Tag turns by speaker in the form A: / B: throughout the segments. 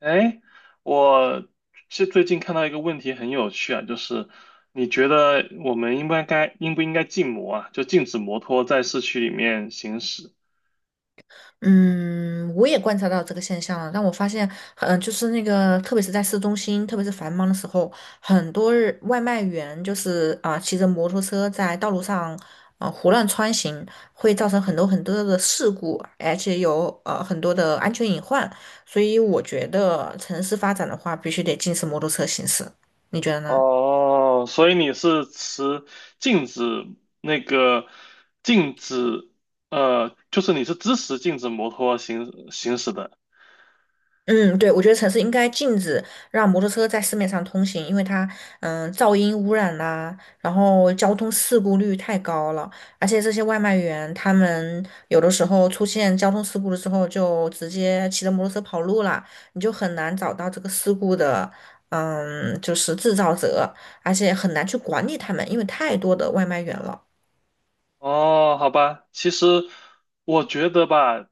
A: 哎，我是最近看到一个问题很有趣啊，就是你觉得我们应不应该禁摩啊？就禁止摩托在市区里面行驶。
B: 嗯，我也观察到这个现象了，但我发现，就是那个，特别是在市中心，特别是繁忙的时候，很多外卖员就是骑着摩托车在道路上胡乱穿行，会造成很多很多的事故，而且有很多的安全隐患。所以我觉得城市发展的话，必须得禁止摩托车行驶，你觉得呢？
A: 哦，所以你是持禁止那个禁止就是你是支持禁止摩托行驶的。
B: 嗯，对，我觉得城市应该禁止让摩托车在市面上通行，因为它，噪音污染啦、然后交通事故率太高了，而且这些外卖员他们有的时候出现交通事故的时候，就直接骑着摩托车跑路了，你就很难找到这个事故的，就是制造者，而且很难去管理他们，因为太多的外卖员了。
A: 哦，好吧，其实我觉得吧。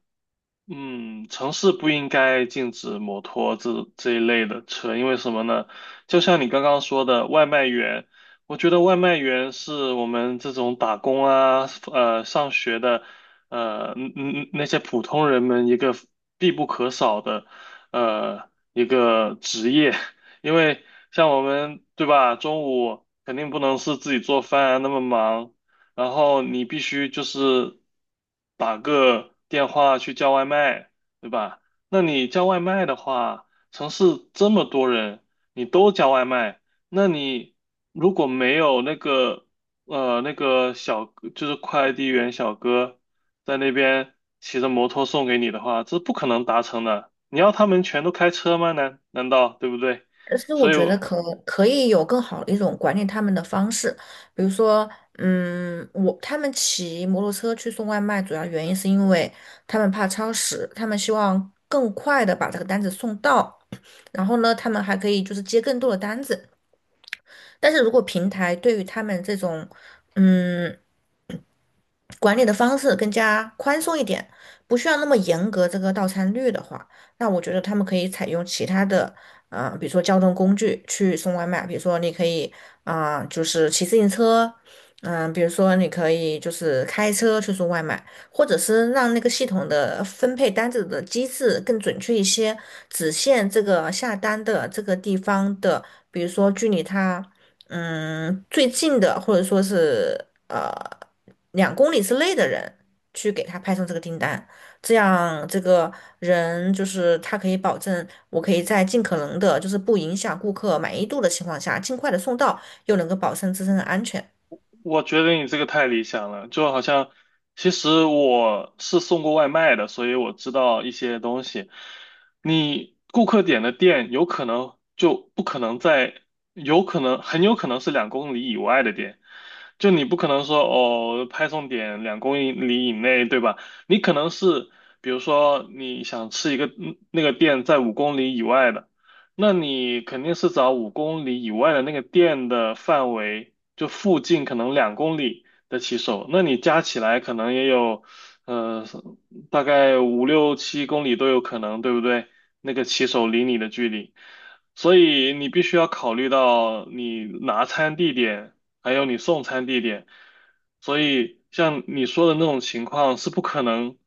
A: 嗯，城市不应该禁止摩托这一类的车，因为什么呢？就像你刚刚说的，外卖员，我觉得外卖员是我们这种打工啊，上学的，那些普通人们一个必不可少的，一个职业，因为像我们，对吧？中午肯定不能是自己做饭啊，那么忙。然后你必须就是打个电话去叫外卖，对吧？那你叫外卖的话，城市这么多人，你都叫外卖，那你如果没有那个那个小就是快递员小哥在那边骑着摩托送给你的话，这不可能达成的。你要他们全都开车吗？难道对不对？
B: 但是我
A: 所以
B: 觉得
A: 我
B: 可以有更好的一种管理他们的方式，比如说，他们骑摩托车去送外卖，主要原因是因为他们怕超时，他们希望更快的把这个单子送到，然后呢，他们还可以就是接更多的单子。但是如果平台对于他们这种，嗯。管理的方式更加宽松一点，不需要那么严格这个到餐率的话，那我觉得他们可以采用其他的，比如说交通工具去送外卖，比如说你可以就是骑自行车，比如说你可以就是开车去送外卖，或者是让那个系统的分配单子的机制更准确一些，只限这个下单的这个地方的，比如说距离他最近的或者说是呃2公里之内的人去给他派送这个订单，这样这个人就是他可以保证我可以在尽可能的，就是不影响顾客满意度的情况下，尽快的送到，又能够保证自身的安全。
A: 我觉得你这个太理想了，就好像其实我是送过外卖的，所以我知道一些东西。你顾客点的店有可能就不可能在，有可能很有可能是两公里以外的店，就你不可能说哦派送点两公里以内，对吧？你可能是比如说你想吃一个那个店在五公里以外的。那你肯定是找五公里以外的那个店的范围，就附近可能两公里的骑手，那你加起来可能也有，呃，大概五六七公里都有可能，对不对？那个骑手离你的距离，所以你必须要考虑到你拿餐地点，还有你送餐地点，所以像你说的那种情况是不可能。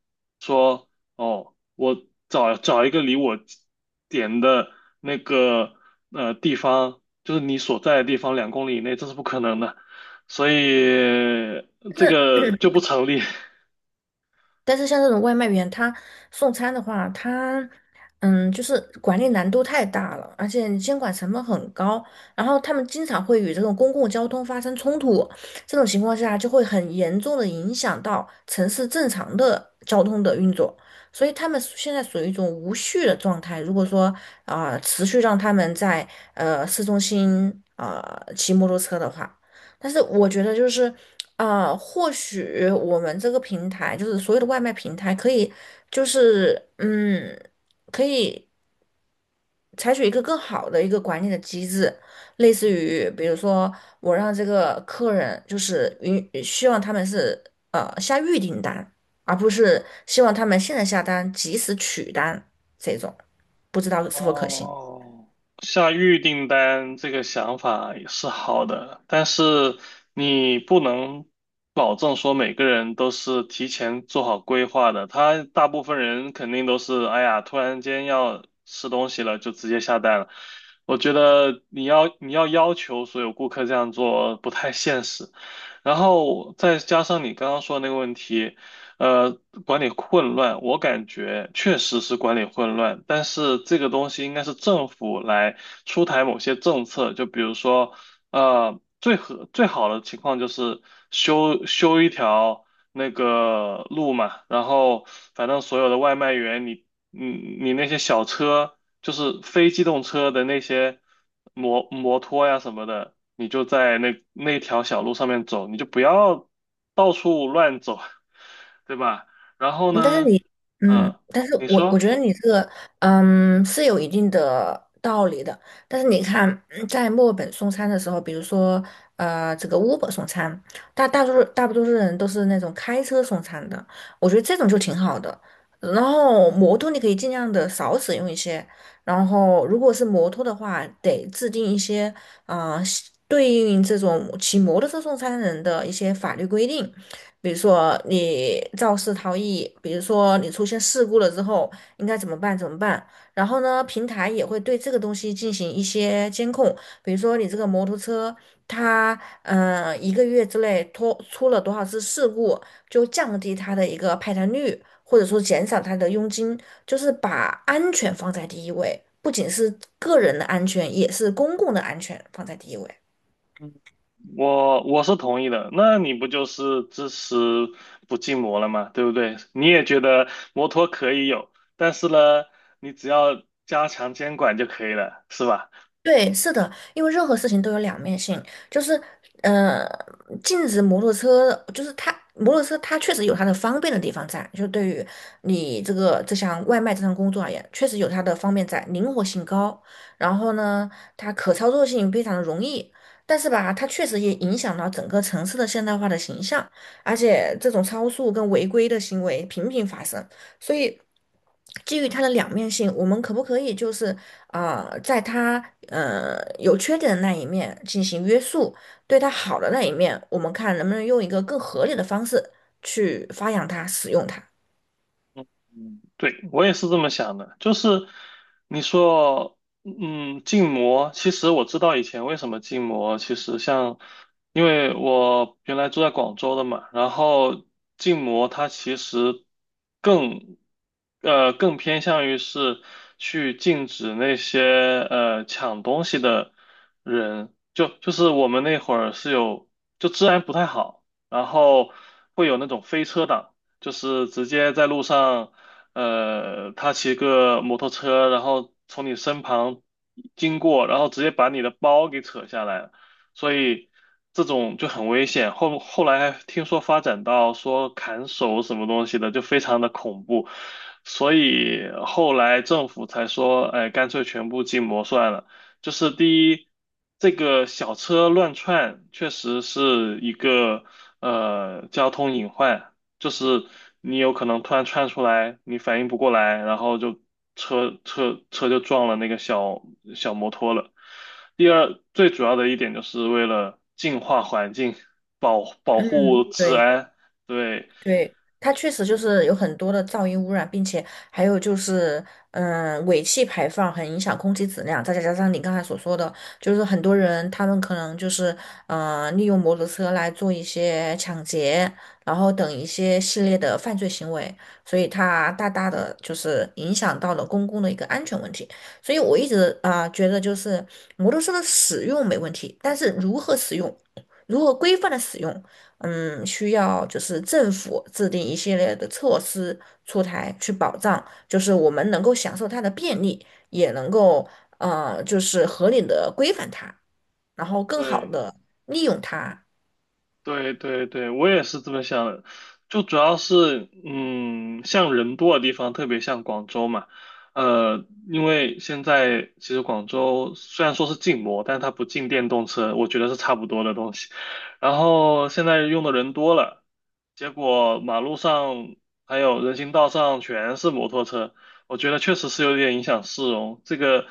A: 说。哦，我找一个离我点的那个地方，就是你所在的地方两公里以内，这是不可能的，所以这个就不成立。
B: 但是像这种外卖员，他送餐的话，就是管理难度太大了，而且监管成本很高，然后他们经常会与这种公共交通发生冲突，这种情况下就会很严重的影响到城市正常的交通的运作，所以他们现在属于一种无序的状态。如果说持续让他们在市中心骑摩托车的话。但是我觉得就是或许我们这个平台，就是所有的外卖平台，可以就是可以采取一个更好的一个管理的机制，类似于比如说我让这个客人就是希望他们是下预订单，而不是希望他们现在下单及时取单这种，不知道是否可行。
A: 哦，下预订单这个想法也是好的，但是你不能保证说每个人都是提前做好规划的。他大部分人肯定都是，哎呀，突然间要吃东西了，就直接下单了。我觉得你要要求所有顾客这样做不太现实。然后再加上你刚刚说的那个问题。呃，管理混乱，我感觉确实是管理混乱，但是这个东西应该是政府来出台某些政策，就比如说，最好的情况就是修一条那个路嘛，然后反正所有的外卖员，你那些小车，就是非机动车的那些摩托呀什么的，你就在那条小路上面走，你就不要到处乱走。对吧？然后
B: 嗯但是
A: 呢，
B: 你，嗯，
A: 嗯，
B: 但是
A: 你
B: 我觉
A: 说，
B: 得你这个，是有一定的道理的。但是你看，在墨尔本送餐的时候，比如说，这个 Uber 送餐，大多数人都是那种开车送餐的，我觉得这种就挺好的。然后摩托你可以尽量的少使用一些，然后如果是摩托的话，得制定一些，啊、对应这种骑摩托车送餐人的一些法律规定。比如说你肇事逃逸，比如说你出现事故了之后应该怎么办？怎么办？然后呢，平台也会对这个东西进行一些监控，比如说你这个摩托车它一个月之内脱出了多少次事故，就降低它的一个派单率，或者说减少它的佣金，就是把安全放在第一位，不仅是个人的安全，也是公共的安全放在第一位。
A: 嗯，我是同意的，那你不就是支持不禁摩了吗？对不对？你也觉得摩托可以有，但是呢，你只要加强监管就可以了，是吧？
B: 对，是的，因为任何事情都有两面性，就是，呃，禁止摩托车，就是它摩托车它确实有它的方便的地方在，就对于你这个这项外卖这项工作而言，确实有它的方便在，灵活性高，然后呢，它可操作性非常的容易，但是吧，它确实也影响到整个城市的现代化的形象，而且这种超速跟违规的行为频频发生，所以基于它的两面性，我们可不可以就是？啊，在他有缺点的那一面进行约束，对他好的那一面，我们看能不能用一个更合理的方式去发扬它、使用它。
A: 嗯，对，我也是这么想的，就是你说，嗯，禁摩，其实我知道以前为什么禁摩，其实像，因为我原来住在广州的嘛，然后禁摩它其实更，更偏向于是去禁止那些抢东西的人，就是我们那会儿是有，就治安不太好，然后会有那种飞车党。就是直接在路上他骑个摩托车，然后从你身旁经过，然后直接把你的包给扯下来了，所以这种就很危险。后来还听说发展到说砍手什么东西的，就非常的恐怖，所以后来政府才说，哎，干脆全部禁摩算了。就是第一，这个小车乱窜确实是一个交通隐患。就是你有可能突然窜出来，你反应不过来，然后就车就撞了那个小摩托了。第二，最主要的一点就是为了净化环境，保护
B: 嗯，
A: 治
B: 对。
A: 安，对。
B: 对，它确实就
A: 嗯，
B: 是有很多的噪音污染，并且还有就是，尾气排放很影响空气质量。再加上你刚才所说的，就是很多人他们可能就是，利用摩托车来做一些抢劫，然后等一些系列的犯罪行为，所以它大大的就是影响到了公共的一个安全问题。所以我一直觉得，就是摩托车的使用没问题，但是如何使用，如何规范的使用。需要就是政府制定一系列的措施出台，去保障就是我们能够享受它的便利，也能够就是合理的规范它，然后更好
A: 对，
B: 的利用它。
A: 对对对，我也是这么想的，就主要是，嗯，像人多的地方，特别像广州嘛，因为现在其实广州虽然说是禁摩，但它不禁电动车，我觉得是差不多的东西。然后现在用的人多了，结果马路上还有人行道上全是摩托车，我觉得确实是有点影响市容，这个。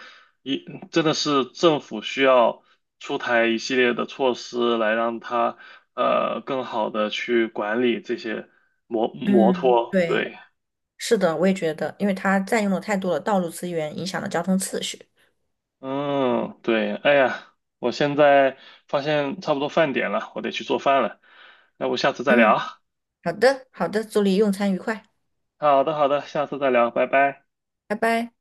A: 一真的是政府需要出台一系列的措施来让它更好的去管理这些摩摩
B: 嗯，
A: 托。
B: 对，
A: 对，
B: 是的，我也觉得，因为它占用了太多的道路资源，影响了交通秩序。
A: 嗯，对，哎呀，我现在发现差不多饭点了，我得去做饭了。那我下次再聊
B: 嗯，
A: 啊。
B: 好的，好的，祝你用餐愉快，
A: 好的，好的，下次再聊，拜拜。
B: 拜拜。